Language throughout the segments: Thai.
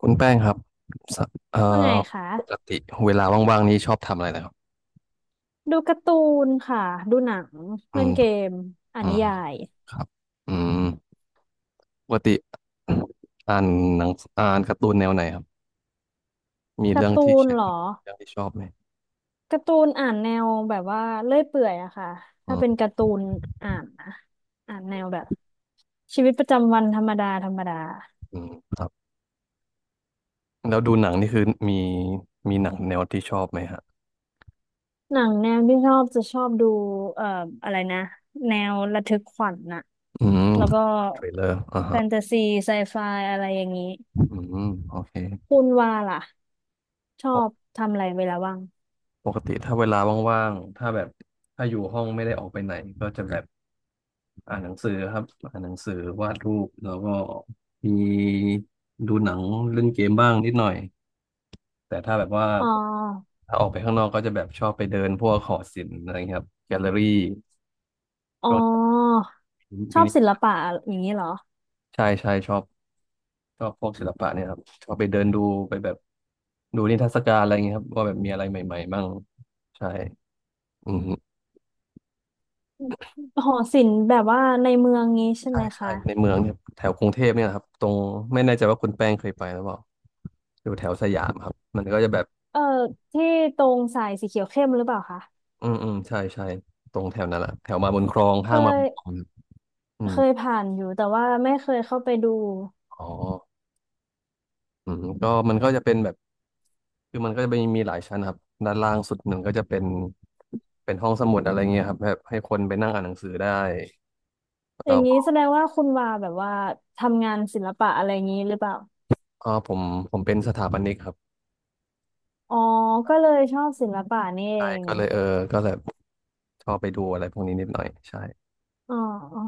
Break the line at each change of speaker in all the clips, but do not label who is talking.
คุณแป้งครับสเอ่อ
ว่าไงคะ
ปกติเวลาว่างๆนี้ชอบทำอะไรนะครับ
ดูการ์ตูนค่ะดูหนัง
อื
เล่น
ม
เกมอ่าน
อื
นิ
ม
ยาย
ครับอืมปกติอ่านหนังอ่านการ์ตูนแนวไหนครับ มี
กา
เรื่อ
ร์
ง
ตู
ที่ช
น
อ
เห
บ
รอ
ไหม
การ์ตูนอ่านแนวแบบว่าเลื่อยเปื่อยอะค่ะ
อื
ถ้าเป็น
ม
การ์ตูนอ่านนะอ่านแนวแบบชีวิตประจำวันธรรมดาธรรมดา
อืมครับแล้วดูหนังนี่คือมี มีหนังแนวที่ชอบไหมฮะ
หนังแนวที่ชอบจะชอบดูเอ่ออะไรนะแนวระทึกขวัญน่ะ
อืม
แล้วก็
เทรลเลอร์อ่า
แฟ
ฮะ
นตาซีไซไฟอะไรอย่างนี้
อืมโอเค
คุณว่าล่ะชอ
ปก
บทำอะไรเวลาว่าง
ปกติถ้าเวลาว่างๆ ถ้าแบบ ถ้าอยู่ห้องไม่ได้ออกไปไหนก็จะแบบ อ่านหนังสือครับอ่านหนังสือวาดรูปแล้วก็มีดูหนังเล่นเกมบ้างนิดหน่อยแต่ถ้าแบบว่า
อ๋อ
ถ้าออกไปข้างนอกก็จะแบบชอบไปเดินพวกหอศิลป์อะไรเงี้ยครับแกลเลอรี่
อ๋อ
ช่วง
ช
มิ
อบ
นิ
ศิลปะอย่างนี้เหรอ
ใช่ใช่ชอบชอบพวกศิลปะเนี่ยครับชอบไปเดินดูไปแบบดูนิทรรศการอะไรเงี้ยครับว่าแบบมีอะไรใหม่ๆบ้างใช่อืม
หอศิลป์แบบว่าในเมืองนี้ใช่
ใช่
ไหม
ใช่
คะ
ในเมืองเนี่ยแถวกรุงเทพเนี่ยนะครับตรงไม่แน่ใจว่าคุณแป้งเคยไปหรือเปล่าอยู่แถวสยามครับมันก็จะแบบ
เออที่ตรงสายสีเขียวเข้มหรือเปล่าคะ
อืมอืมใช่ใช่ตรงแถวนั้นแหละแถวมาบุญครอง
เค
ห้างมาบุญครอง
ย
ครับอืม
เคยผ่านอยู่แต่ว่าไม่เคยเข้าไปดู
อ๋ออืมก็มันก็จะเป็นแบบคือมันก็จะมีหลายชั้นครับด้านล่างสุดหนึ่งก็จะเป็นห้องสมุดอะไรเงี้ยครับแบบให้คนไปนั่งอ่านหนังสือได้แล้ว
อย่างนี้
ก็
แสดงว่าคุณวาแบบว่าทำงานศิลปะอะไรอย่างนี้หรือเปล่า
อ๋อผมเป็นสถาปนิกครับ
อ๋อก็เลยชอบศิลปะนี่เอ
ใช่
ง
ก็เลยเออก็แบบชอบไปดูอะไรพวกนี้นิดหน่อยใช่
อ๋ออ๋อ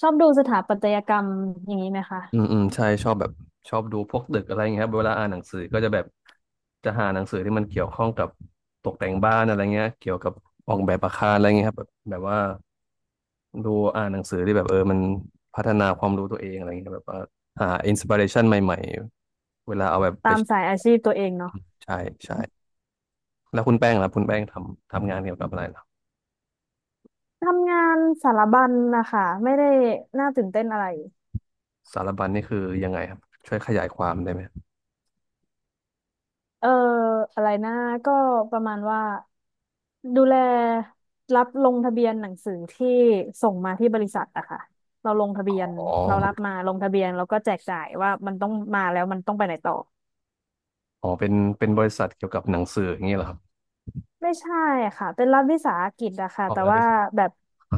ชอบดูสถาปัตยกรรมอย่างนี้ไหมคะ
อืมอืมใช่ชอบแบบชอบดูพวกดึกอะไรอย่างเงี้ยครับเวลาอ่านหนังสือก็จะแบบจะหาหนังสือที่มันเกี่ยวข้องกับตกแต่งบ้านอะไรเงี้ยเกี่ยวกับออกแบบอาคารอะไรเงี้ยครับแบบว่าดูอ่านหนังสือที่แบบเออมันพัฒนาความรู้ตัวเองอะไรเงี้ยแบบว่าหาอินสปิเรชันใหม่ๆเวลาเอาแบบไป
ตาม
ใช้
สายอาชีพตัวเองเนาะ
ใช่ใช่แล้วคุณแป้งล่ะคุณแป้งทำงานเกี่ยวกับอะไรล่ะ
ทำงานสารบัญนะคะไม่ได้น่าตื่นเต้นอะไร
สารบัญนี่คือยังไงครับช่วยขยายความได้ไหม
เอออะไรนะก็ประมาณว่าดูแลรับลงทะเบียนหนังสือที่ส่งมาที่บริษัทอะค่ะเราลงทะ
อ
เบียน
๋อ
เรารับมาลงทะเบียนแล้วก็แจกจ่ายว่ามันต้องมาแล้วมันต้องไปไหนต่อ
อ๋อเป็นบริษัทเกี่ยวกับหนังสืออย่างเงี้ยเหรอครับ
ไม่ใช่ค่ะเป็นรัฐวิสาหกิจอะค่ะ
ออก
แต่
งานด้
ว่า
วย
แบบ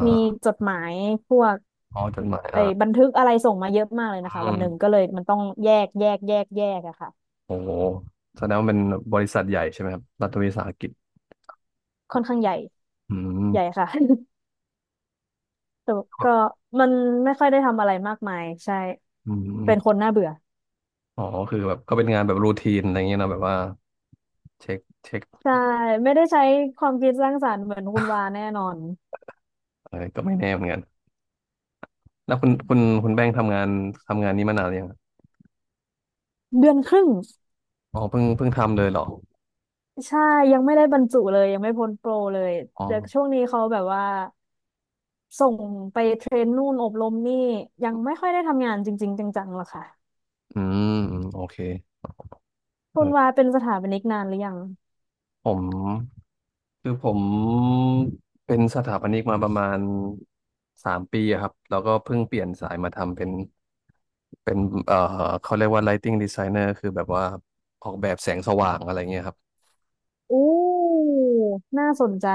มีจดหมายพวก
อ๋อจดหมาย
ไอ้
อ่ะ
บันทึกอะไรส่งมาเยอะมากเลย
อื
นะคะวัน
ม
หนึ่งก็เลยมันต้องแยกแยกแยกแยกอะค่ะ
โอ้โหแสดงว่าเป็นบริษัทใหญ่ใช่ไหมครับรัฐวิสาหกิจ
ค่อนข้างใหญ่
อื
ใหญ่
ม
ค่ะ แต่ก็
แ
มันไม่ค่อยได้ทำอะไรมากมายใช่
อืม
เป็นคนน่าเบื่อ
อ๋อคือแบบก็เป็นงานแบบรูทีนอะไรเงี้ยนะแบบว่าเช็คเช็ค
ใช่ไม่ได้ใช้ความคิดสร้างสรรค์เหมือนคุณวาแน่นอน
อะไรก็ไม่แน่เหมือนกันแล้วคุณแป้งค์ทำงานนี้มานานหรือยังครับ
เดือนครึ่ง
อ๋อเพิ่งทำเลยเหรอ
ใช่ยังไม่ได้บรรจุเลยยังไม่พ้นโปรเลย
อ๋อ
เดี๋ยวช่วงนี้เขาแบบว่าส่งไปเทรนนู่นอบรมนี่ยังไม่ค่อยได้ทำงานจริงๆจังๆหรอกค่ะ
อืมอืมโอเค
คุณวา
เออ
เป็นสถาปนิกนานหรือยัง
ผม คือผมเป็นสถาปนิกมาประมาณ3 ปีอะครับแล้วก็เพิ่งเปลี่ยนสายมาทำเป็นเป็นเอ่อเขาเรียกว่า lighting designer คือแบบว่าออกแบบแสงสว่างอะไรเงี้ยครับ
อู้น่าสนใจ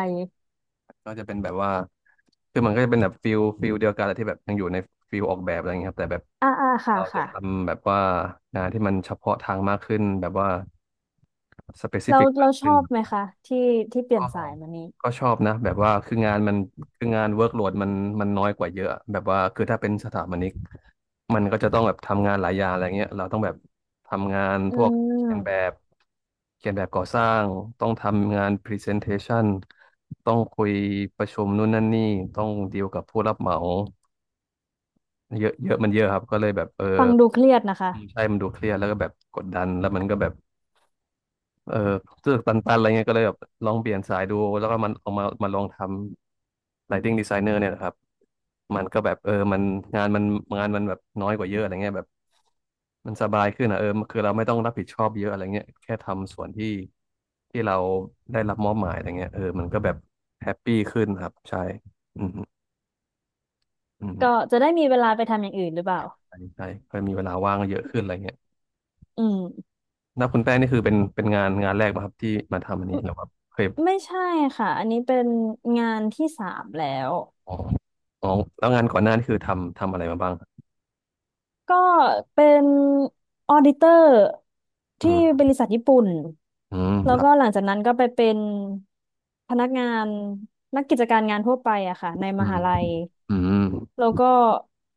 ก็จะเป็นแบบว่าคือมันก็จะเป็นแบบฟิลเดียวกันแหละที่แบบยังอยู่ในฟิลออกแบบอะไรเงี้ยครับแต่แบบ
อ่าอ่าค่ะ
เราจะ
ค่ะ
ทำแบบว่างานที่มันเฉพาะทางมากขึ้นแบบว่า
เรา
specific มา
เรา
ก
ช
ขึ้น
อบไหมคะที่ที่เปลี่
อ๋
ย
อ
นสายมานี้
ก็ชอบนะแบบว่าคืองานมันคืองานเวิร์กโหลดมันน้อยกว่าเยอะแบบว่าคือถ้าเป็นสถาปนิกมันก็จะต้องแบบทำงานหลายอย่างอะไรเงี้ยเราต้องแบบทำงาน
อื
พวกเขียนแบ
ม
บเขียนแบบก่อสร้างต้องทำงานพรีเซนเทชันต้องคุยประชุมนู่นนั่นนี่ต้องดีลกับผู้รับเหมาเยอะเยอะมันเยอะครับก็เลยแบบเออ
ฟังดูเครียดนะคะ
ใช่มันดูเครียดแล้วก็แบบกดดันแล้วมันก็แบบ เออรู้สึกตันๆอะไรเงี้ยก็เลยแบบลองเปลี่ยนสายดูแล้วก็มันเอามาลองทำ lighting designer เนี่ยนะครับมันก็แบบเออมันงานมันแบบน้อยกว่าเยอะอะไรเงี้ยแบบมันสบายขึ้นอ่ะเออคือเราไม่ต้องรับผิดชอบเยอะอะไรเงี้ยแค่ทำส่วนที่เราได้รับมอบหมายอะไรเงี้ยเออมันก็แบบแฮปปี้ขึ้นครับใช่อืมอืม
ก็จะได้มีเวลาไปทำอย่างอื่นหรือเปล่า
ใช่ใช่ก็มีเวลาว่างเยอะขึ้นอะไรเงี้ย
อืม
นับคุณแป้งนี่คือเป็นงานแรกป่ครับที่มาทำอันนี้หรือว่าเคย
ไม่ใช่ค่ะอันนี้เป็นงานที่สามแล้ว
อ๋ออ๋อแล้วงานก่อนหน้านี่คือทำอะไรมาบ้าง
ก็เป็นออดิเตอร์
อื
ที่บ
ม
ริษัทญี่ปุ่น
อืม
แล้
ค
ว
รั
ก็ห
บ
ลังจากนั้นก็ไปเป็นพนักงานนักกิจการงานทั่วไปอะค่ะในม
อืม
หาลัย
อืม
แล้วก็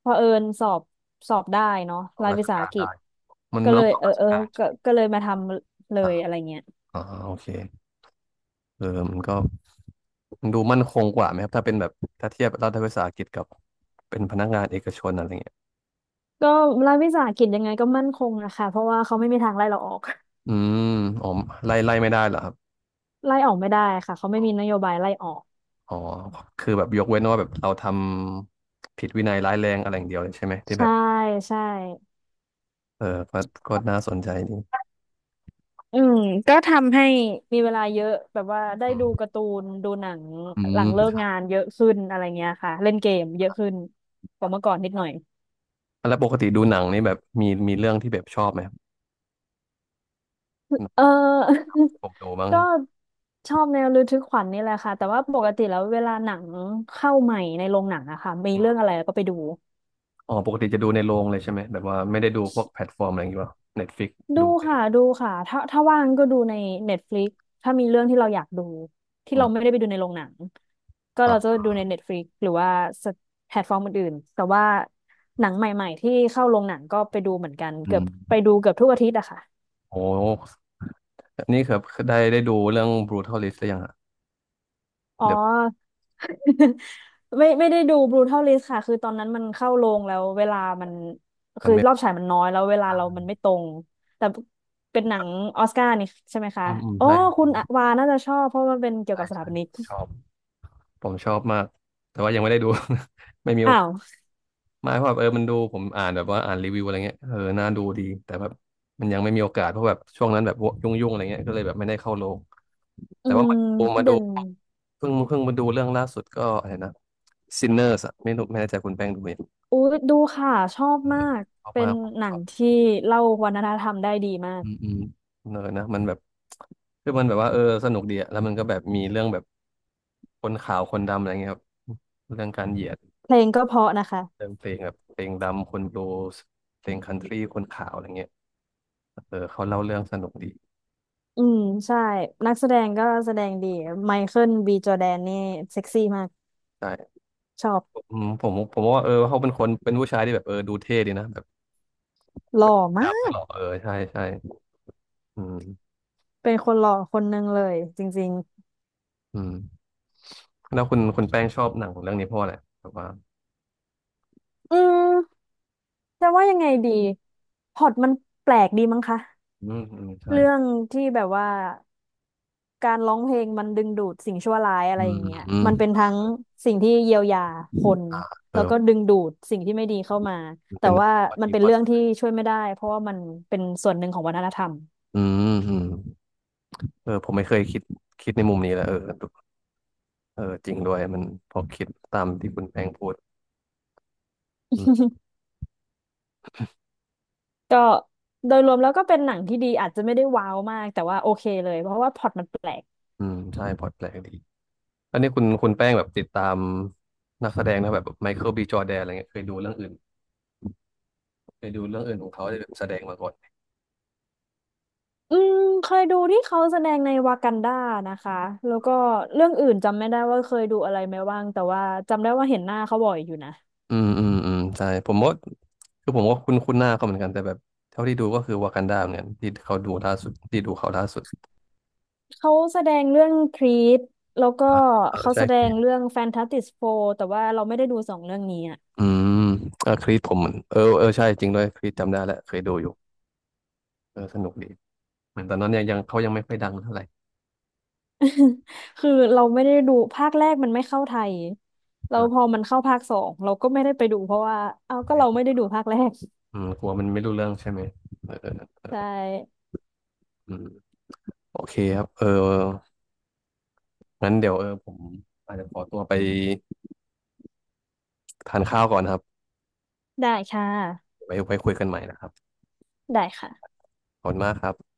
พอเผอิญสอบสอบได้เนาะ
เอา
ราย
รา
วิ
ช
สาห
การ
กิจ
ได้มัน
ก็
มัน
เล
ต้อ
ย
งสอบ
เออ
ราช
เออ
การ
ก็
ใช่ไหม
ก็เลยมาทำเล
อ่า
ยอะไรเงี้ย
อ่าโอเคเออมันก็มันดูมั่นคงกว่าไหมครับถ้าเป็นแบบถ้าเทียบรัฐวิสาหกิจกับเป็นพนักงานเอกชนอะไรเงี้ย
ก็รัฐวิสาหกิจยังไงก็มั่นคงนะคะเพราะว่าเขาไม่มีทางไล่เราออก
อืมอ๋อไล่ไม่ได้เหรอครับ
ไล่ออกไม่ได้ค่ะเขาไม่มีนโยบายไล่ออก
อ๋อคือแบบยกเว้นว่าแบบเราทำผิดวินัยร้ายแรงอะไรอย่างเดียวเลยใช่ไหมที่แบ
ใช่
บ
ใช่
เออก็ก็น่าสนใจดี
อืมก็ทำให้มีเวลาเยอะแบบว่าได้
อืม
ดูการ์ตูนดูหนัง
อื
หลังเลิก
ม
งานเยอะขึ้นอะไรเงี้ยค่ะเล่นเกมเยอะขึ้นกว่าเมื่อก่อนนิดหน่อย
แล้วปกติดูหนังนี่แบบมีเรื่องที่แบบชอบไหม
เออ
ผมดู มั้ง
ก็ชอบแนวระทึกขวัญนี่แหละค่ะแต่ว่าปกติแล้วเวลาหนังเข้าใหม่ในโรงหนังอะค่ะมีเรื่องอะไรก็ไปดู
อ๋อปกติจะดูในโรงเลยใช่ไหมแบบว่าไม่ได้ดูพวกแพลตฟอร์มอะไรอย่างเงี้ยป่ะเน็ตฟ i ิก
ดู
ดูได้ดู
ค่ะดูค่ะถ้าถ้าว่างก็ดูใน Netflix ถ้ามีเรื่องที่เราอยากดูที่
อื
เรา
ม
ไม่ได้ไปดูในโรงหนังก็เราจะ
อ่ะ
ดูใน Netflix หรือว่าแพลตฟอร์มอื่นๆแต่ว่าหนังใหม่ๆที่เข้าโรงหนังก็ไปดูเหมือนกัน
อื
เกือบไป
ม
ดูเกือบทุกอาทิตย์อะค่ะ
โอ้นี่ครับได้ดูเรื่อง Brutal List หรือยังอะ
อ๋อ
เดี๋ยว
ไม่ได้ดู Brutal List ค่ะคือตอนนั้นมันเข้าโรงแล้วเวลามัน
มั
คื
น
อ
ไม่
ร
พ
อบ
อ
ฉายมันน้อยแล้วเวลาเรามันไม่ตรงแต่เป็นหนังออสการ์นี่ใช่ไหมคะ
อืมอืม
อ๋อ
ใช่
คุณวาน่าจะชอบเพราะมันเป็นเกี่ยว
ใช่
กับสถา
ใช่
ปนิก
ชอบ ผมชอบมาก แต่ว่ายังไม่ได้ดู ไม่มีโอ
อ้าว
มาเพราะแบบมันดูผมอ่านแบบว่าอ่านรีวิวอะไรเงี้ยเออน่าดูดีแต่แบบมันยังไม่มีโอกาสเพราะแบบช่วงนั้นแบบยุ่งๆอะไรเงี้ยก็เลยแบบไม่ได้เข้าโรง
อื
แต่ว่า
ม
มาดู
เด่น
เพิ่งมาดูเรื่องล่าสุดก็อะไรนะ Sinners อะไม่รู้ไม่แน่ใจคุณแป้งดูไหม
อุ้ยดูค่ะชอบ
เอ
มา
อ
ก
ชอบ
เป็
มา
น
กผม
หนั
ชอ
ง
บ
ที่เล่าวัฒนธรรมได้ดีมาก
อืมอืมเนอนะมันแบบคือมันแบบว่าเออสนุกดีอะแล้วมันก็แบบมีเรื่องแบบคนขาวคนดำอะไรเงี้ยครับเรื่องการเหยียด
เพลงก็เพราะนะ
เรื่
คะ
องเพลงแบบเพลงดำคนบลูส์เพลงคันทรีคนขาวอะไรเงี้ย เออเขาเล่าเรื่องสนุกดี
อืมใช่นักแสดงก็แสดงดีไมเคิลบีจอร์แดนนี่เซ็กซี่มาก
ใช่
ชอบ
ผผมว่าเออเขาเป็นคนเป็นผู้ชายที่แบบเออดูเท่ดีนะแบบ
หล่อมา
ดับไม่ห
ก
ล่อเออใช่ใช่อืม
เป็นคนหล่อคนหนึ่งเลยจริง
อืมแล้วคุณแป้งชอบหนังเรื่องนี้เพราะอะไรแบบว่า
ๆอืมจะว่ายังไงดีพล็อตมันแปลกดีมั้งคะ
อืมอืมใช่
เรื่องที่แบบว่าการร้องเพลงมันดึงดูดสิ่งชั่วร้ายอะ
อื
ไรอ
ม
ย่างเงี้ย
อืม
มันเป็นทั้งสิ่งที่เยียวยาคนแล้วก็
เออ
ดึงดูดสิ่งที่ไม่ดีเข้ามาแต่
เป็น
ว่า
พอ
มัน
ดี
เป็
พ
น
อ
เรื่องที่ช่วยไม่ได้เพราะว่ามันเป็นส่วนหนึ่งของวัฒนธรรม
อืมอืมเออผมไม่เคยคิดในมุมนี้แหละเออเออจริงด้วยมันพอคิดตามที่คุณแป้งพูดอืม
ก็โดยรวมแล้วก็เป็นหนังที่ดีอาจจะไม่ได้ว้าวมากแต่ว่าโอเคเลยเพราะว่าพล็อตมันแปลก
อืมใช่พอแปลกดีอันนี้คุณแป้งแบบติดตามนักแสดงนะแบบไมเคิลบีจอร์แดนอะไรเงี้ยเคยดูเรื่องอื่น ไปดูเรื่องอื่นของเขาที่แบบแสดงมาก่อน
อืมเคยดูที่เขาแสดงในวากันดานะคะแล้วก็เรื่องอื่นจำไม่ได้ว่าเคยดูอะไรไหมบ้างแต่ว่าจำได้ว่าเห็นหน้าเขาบ่อยอยู่นะ
อืมอืมอืมใช่ผมว่าคือผมก็คุ้นคุ้นหน้าเขาเหมือนกันแต่แบบเท่าที่ดูก็คือวากันดาเหมือนกันที่เขาดูล่าสุดที่ดูเขาล่าสุด
เขาแสดงเรื่องครีดแล้วก็
อ่ะเออ
เขา
ใช่
แสด
ครี
ง
ด
เรื่องแฟนตาสติสโฟแต่ว่าเราไม่ได้ดูสองเรื่องนี้อะ
อืมเออครีดผมเหมือนเออเออใช่จริงด้วยครีดจำได้แล้วเคยดูอยู่เออสนุกดีเหมือนตอนนั้นเนี่ยยังเขายังไม่ค่อยดังเท่าไหร่
คือเราไม่ได้ดูภาคแรกมันไม่เข้าไทยเราพอ
อ่า
มันเข้าภาคสองเราก็ไม่ได้ไปดูเพราะว่าเอาก็เราไม่ได้ดูภาคแรก
อืมกลัวมันไม่รู้เรื่องใช่ไหมเออเออ
ใช่
อืมโอเคครับเอองั้นเดี๋ยวเออผมอาจจะขอตัวไปทานข้าวก่อนนะครับ
ได้ค่ะ
ไว้คุยกันใหม่นะครับ
ได้ค่ะ
ขอบคุณมากครับ